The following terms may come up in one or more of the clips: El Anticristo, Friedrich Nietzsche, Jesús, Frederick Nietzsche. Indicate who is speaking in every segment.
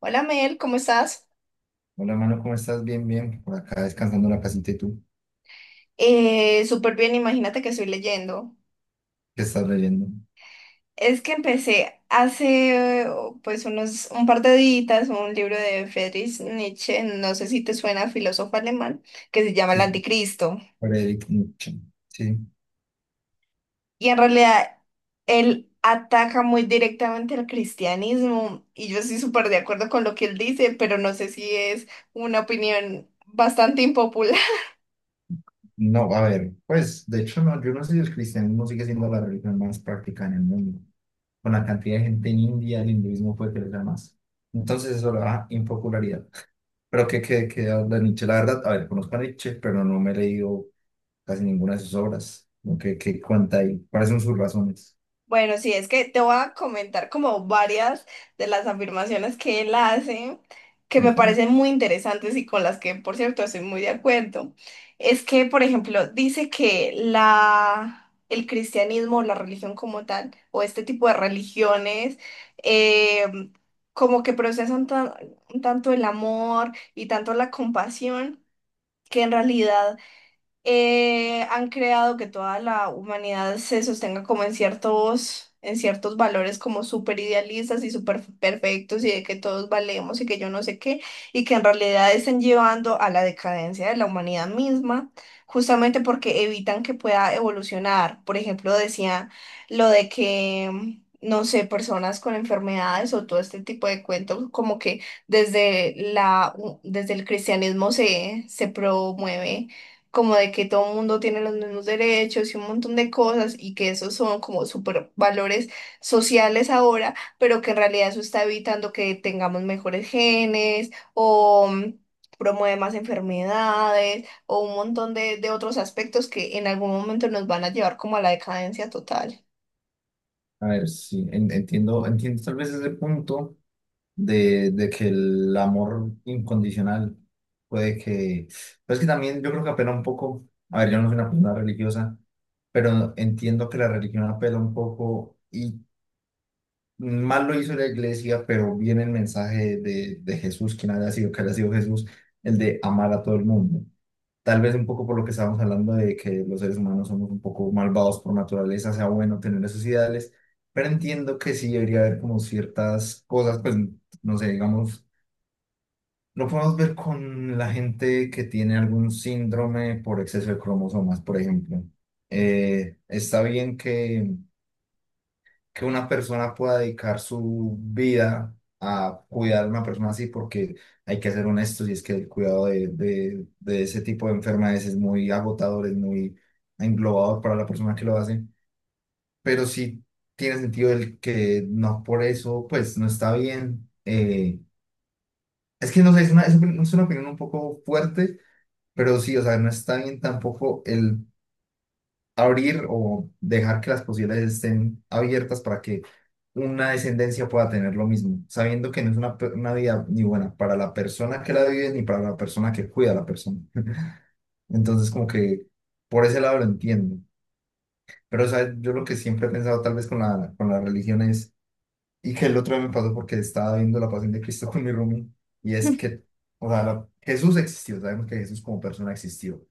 Speaker 1: Hola Mel, ¿cómo estás?
Speaker 2: Hola, mano, ¿cómo estás? Bien, bien. Por acá descansando en la casita y tú,
Speaker 1: Súper bien, imagínate que estoy leyendo.
Speaker 2: ¿qué estás leyendo?
Speaker 1: Es que empecé hace oh, pues unos un par de días un libro de Friedrich Nietzsche, no sé si te suena, filósofo alemán, que se llama El
Speaker 2: Sí,
Speaker 1: Anticristo.
Speaker 2: Frederick Nietzsche. Sí.
Speaker 1: Y en realidad él ataca muy directamente al cristianismo y yo estoy súper de acuerdo con lo que él dice, pero no sé si es una opinión bastante impopular.
Speaker 2: No, a ver, pues, de hecho, no, yo no sé si el cristianismo sigue siendo la religión más practicada en el mundo. Con la cantidad de gente en India, el hinduismo fue crecer más. Entonces, eso le da impopularidad. Pero que qué, qué qué habla Nietzsche? La verdad, a ver, conozco a Nietzsche, pero no me he leído casi ninguna de sus obras. Lo que cuenta ahí, cuáles son sus razones.
Speaker 1: Bueno, sí, es que te voy a comentar como varias de las afirmaciones que él hace, que
Speaker 2: Me
Speaker 1: me
Speaker 2: parece.
Speaker 1: parecen muy interesantes y con las que, por cierto, estoy muy de acuerdo. Es que, por ejemplo, dice que el cristianismo, la religión como tal, o este tipo de religiones, eh, como que procesan tanto el amor y tanto la compasión, que en realidad han creado que toda la humanidad se sostenga como en en ciertos valores como súper idealistas y súper perfectos y de que todos valemos y que yo no sé qué, y que en realidad estén llevando a la decadencia de la humanidad misma, justamente porque evitan que pueda evolucionar. Por ejemplo, decía lo de que... No sé, personas con enfermedades o todo este tipo de cuentos, como que desde la, desde el cristianismo se promueve como de que todo el mundo tiene los mismos derechos y un montón de cosas y que esos son como super valores sociales ahora, pero que en realidad eso está evitando que tengamos mejores genes o promueve más enfermedades o un montón de otros aspectos que en algún momento nos van a llevar como a la decadencia total.
Speaker 2: A ver, sí, entiendo, entiendo tal vez ese punto de que el amor incondicional puede que... Pues que también yo creo que apela un poco, a ver, yo no soy una persona religiosa, pero entiendo que la religión apela un poco y mal lo hizo la iglesia, pero viene el mensaje de Jesús, quien haya sido, que haya sido Jesús, el de amar a todo el mundo. Tal vez un poco por lo que estábamos hablando de que los seres humanos somos un poco malvados por naturaleza, sea bueno tener esos ideales, pero entiendo que sí debería haber como ciertas cosas, pues no sé, digamos lo podemos ver con la gente que tiene algún síndrome por exceso de cromosomas, por ejemplo. Está bien que una persona pueda dedicar su vida a cuidar a una persona así, porque hay que ser honestos, y es que el cuidado de ese tipo de enfermedades es muy agotador, es muy englobador para la persona que lo hace. Pero sí tiene sentido el que no por eso, pues no está bien. Es que no sé, es una opinión un poco fuerte. Pero sí, o sea, no está bien tampoco el abrir o dejar que las posibilidades estén abiertas para que una descendencia pueda tener lo mismo, sabiendo que no es una, una vida ni buena para la persona que la vive ni para la persona que cuida a la persona. Entonces, como que por ese lado lo entiendo. Pero, o sea, yo lo que siempre he pensado tal vez con la religión es, y que el otro día me pasó porque estaba viendo la Pasión de Cristo con mi roomie, y es que, o sea, Jesús existió, sabemos que Jesús como persona existió.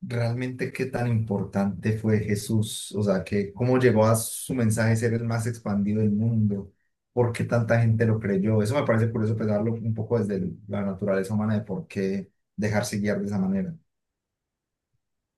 Speaker 2: Realmente qué tan importante fue Jesús, o sea, que cómo llegó a su mensaje ser el más expandido del mundo, por qué tanta gente lo creyó. Eso me parece curioso pensarlo un poco desde la naturaleza humana de por qué dejarse guiar de esa manera.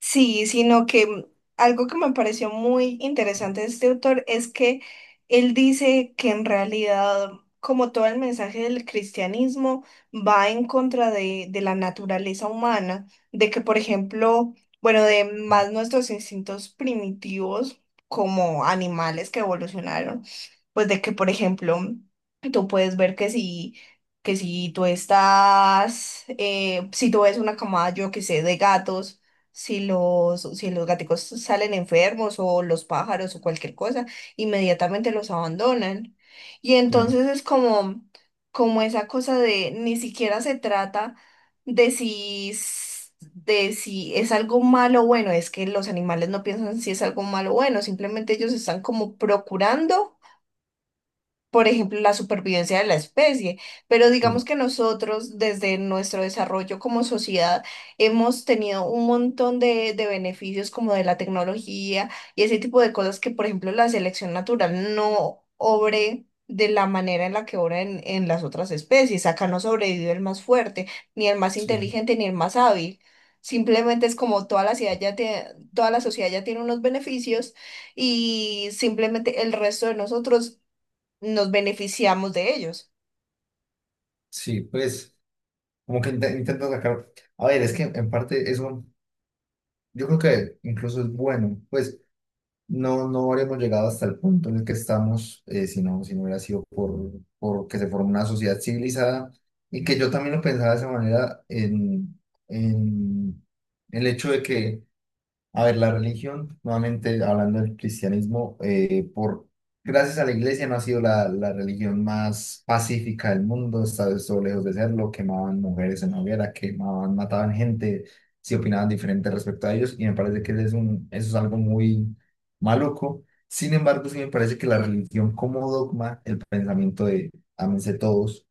Speaker 1: Sí, sino que algo que me pareció muy interesante de este autor es que él dice que en realidad, como todo el mensaje del cristianismo, va en contra de la naturaleza humana, de que, por ejemplo, bueno, de más nuestros instintos primitivos como animales que evolucionaron, pues de que, por ejemplo, tú puedes ver que si... Que si tú estás, si tú ves una camada, yo que sé, de gatos, si si los gaticos salen enfermos o los pájaros o cualquier cosa, inmediatamente los abandonan. Y
Speaker 2: Sí,
Speaker 1: entonces es como, como esa cosa de ni siquiera se trata de de si es algo malo o bueno, es que los animales no piensan si es algo malo o bueno, simplemente ellos están como procurando por ejemplo, la supervivencia de la especie. Pero
Speaker 2: sí,
Speaker 1: digamos que nosotros, desde nuestro desarrollo como sociedad, hemos tenido un montón de beneficios como de la tecnología y ese tipo de cosas que, por ejemplo, la selección natural no obre de la manera en la que obra en las otras especies. Acá no sobrevive el más fuerte, ni el más
Speaker 2: sí,
Speaker 1: inteligente, ni el más hábil. Simplemente es como toda la sociedad ya tiene unos beneficios y simplemente el resto de nosotros nos beneficiamos de ellos.
Speaker 2: sí, pues como que intento sacar, a ver, es que en parte eso yo creo que incluso es bueno, pues no, no habríamos llegado hasta el punto en el que estamos, si no, si no hubiera sido por que se formó una sociedad civilizada, y que yo también lo pensaba de esa manera en el hecho de que a ver, la religión, nuevamente hablando del cristianismo, por gracias a la iglesia no ha sido la religión más pacífica del mundo, está esto lejos de serlo, quemaban mujeres en la hoguera, quemaban, mataban gente, si opinaban diferente respecto a ellos, y me parece que ese es un, eso es algo muy maluco. Sin embargo, sí me parece que la religión como dogma, el pensamiento de ámense todos,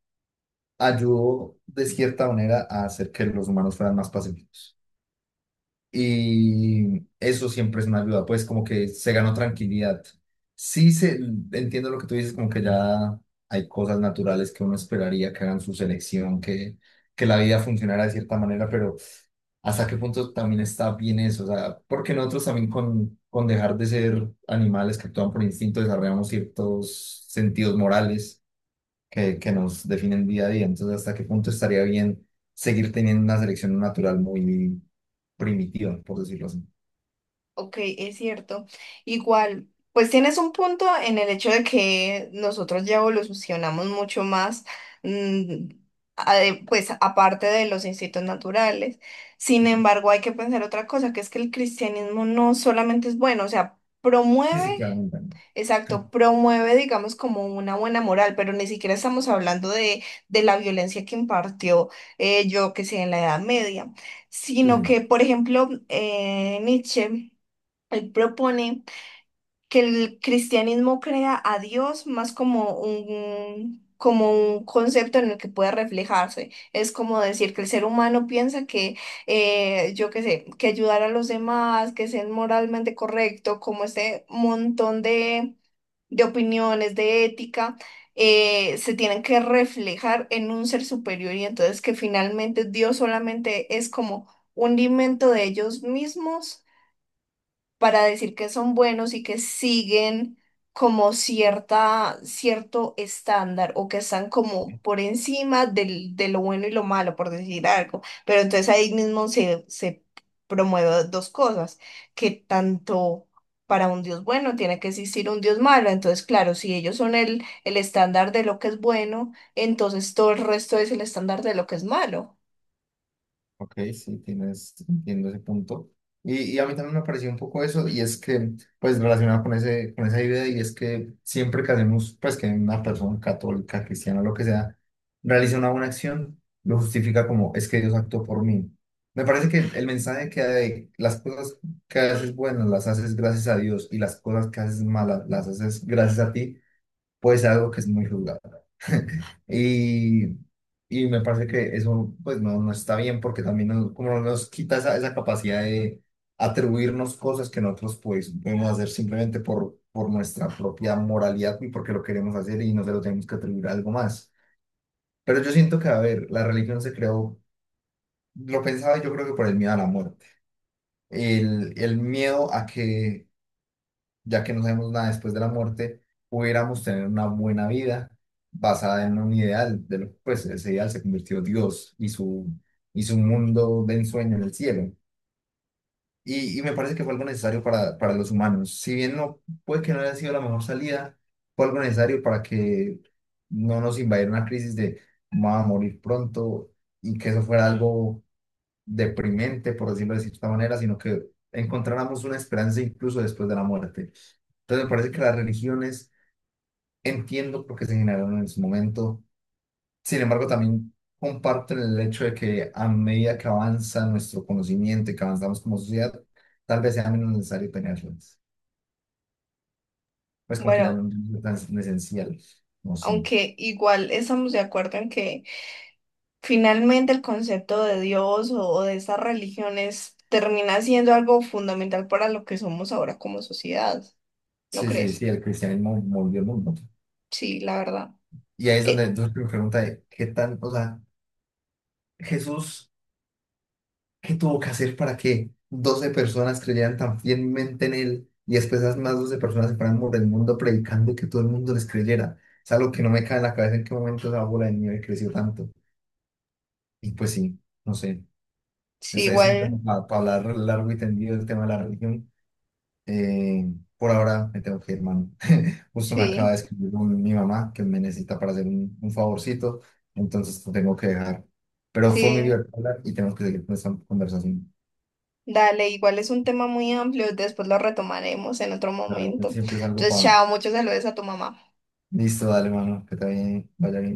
Speaker 2: ayudó de cierta manera a hacer que los humanos fueran más pacíficos. Y eso siempre es una ayuda, pues como que se ganó tranquilidad. Sí se, entiendo lo que tú dices, como que ya hay cosas naturales que uno esperaría que hagan su selección, que la vida funcionara de cierta manera, pero hasta qué punto también está bien eso, o sea, porque nosotros también con dejar de ser animales que actúan por instinto desarrollamos ciertos sentidos morales que nos definen día a día, entonces hasta qué punto estaría bien seguir teniendo una selección natural muy, primitiva, por decirlo así.
Speaker 1: Ok, es cierto. Igual, pues tienes un punto en el hecho de que nosotros ya evolucionamos mucho más, mm, pues aparte de los instintos naturales. Sin embargo, hay que pensar otra cosa, que es que el cristianismo no solamente es bueno, o sea,
Speaker 2: Sí,
Speaker 1: promueve.
Speaker 2: sí, claramente.
Speaker 1: Exacto, promueve, digamos, como una buena moral, pero ni siquiera estamos hablando de la violencia que impartió, yo que sé, en la Edad Media,
Speaker 2: Sí,
Speaker 1: sino
Speaker 2: sí.
Speaker 1: que, por ejemplo, Nietzsche, él propone que el cristianismo crea a Dios más como como un concepto en el que puede reflejarse. Es como decir que el ser humano piensa que, yo qué sé, que ayudar a los demás, que ser moralmente correcto, como este montón de opiniones, de ética. Se tienen que reflejar en un ser superior y entonces que finalmente Dios solamente es como un invento de ellos mismos para decir que son buenos y que siguen como cierto estándar o que están como por encima de lo bueno y lo malo, por decir algo. Pero entonces ahí mismo se promueven dos cosas, que tanto para un Dios bueno tiene que existir un Dios malo. Entonces, claro, si ellos son el estándar de lo que es bueno, entonces todo el resto es el estándar de lo que es malo.
Speaker 2: Ok, sí, tienes, entiendo ese punto. Y a mí también me pareció un poco eso, y es que, pues, relacionado con ese, con esa idea, y es que siempre que hacemos, pues, que una persona católica, cristiana, lo que sea, realiza una buena acción, lo justifica como, es que Dios actuó por mí. Me parece que el mensaje que hay, las cosas que haces buenas las haces gracias a Dios, y las cosas que haces malas las haces gracias a ti, pues algo que es muy jugado. Y, y me parece que eso pues no, no está bien porque también nos, como nos quita esa, esa capacidad de atribuirnos cosas que nosotros pues podemos hacer simplemente por nuestra propia moralidad y porque lo queremos hacer y no se lo tenemos que atribuir a algo más. Pero yo siento que, a ver, la religión se creó, lo pensaba yo creo que por el miedo a la muerte, el miedo a que ya que no sabemos nada después de la muerte, pudiéramos tener una buena vida basada en un ideal, pues ese ideal se convirtió Dios y su mundo de ensueño en el cielo. Y me parece que fue algo necesario para los humanos. Si bien no puede que no haya sido la mejor salida, fue algo necesario para que no nos invadiera una crisis de vamos a morir pronto, y que eso fuera algo deprimente, por decirlo de cierta manera, sino que encontráramos una esperanza incluso después de la muerte. Entonces me parece que las religiones, entiendo por qué se generaron en su momento. Sin embargo, también comparten el hecho de que a medida que avanza nuestro conocimiento y que avanzamos como sociedad, tal vez sea menos necesario tenerlas. Pues como que ya
Speaker 1: Bueno,
Speaker 2: no es tan esencial. No sé.
Speaker 1: aunque igual estamos de acuerdo en que finalmente, el concepto de Dios o de estas religiones termina siendo algo fundamental para lo que somos ahora como sociedad, ¿no
Speaker 2: Sí, sí,
Speaker 1: crees?
Speaker 2: sí, el cristianismo movió el mundo.
Speaker 1: Sí, la verdad.
Speaker 2: Y ahí es donde
Speaker 1: Eh,
Speaker 2: entonces me pregunta de qué tan, o sea, Jesús, ¿qué tuvo que hacer para que 12 personas creyeran tan fielmente en él y después las más 12 personas se fueran por el mundo predicando y que todo el mundo les creyera? Es algo que no me cae en la cabeza en qué momento esa bola de nieve creció tanto. Y pues sí, no sé,
Speaker 1: sí,
Speaker 2: es un tema
Speaker 1: igual,
Speaker 2: para hablar largo y tendido del tema de la religión. Eh, por ahora me tengo que ir, hermano. Justo me acaba
Speaker 1: sí,
Speaker 2: de escribir mi mamá que me necesita para hacer un favorcito, entonces te tengo que dejar. Pero fue muy
Speaker 1: sí,
Speaker 2: divertido hablar y tenemos que seguir con esta conversación.
Speaker 1: dale, igual es un tema muy amplio, después lo retomaremos en otro
Speaker 2: La religión
Speaker 1: momento.
Speaker 2: siempre es algo
Speaker 1: Entonces,
Speaker 2: para...
Speaker 1: chao, muchos saludos a tu mamá.
Speaker 2: Listo, dale, mano, que te vaya bien. Vaya bien.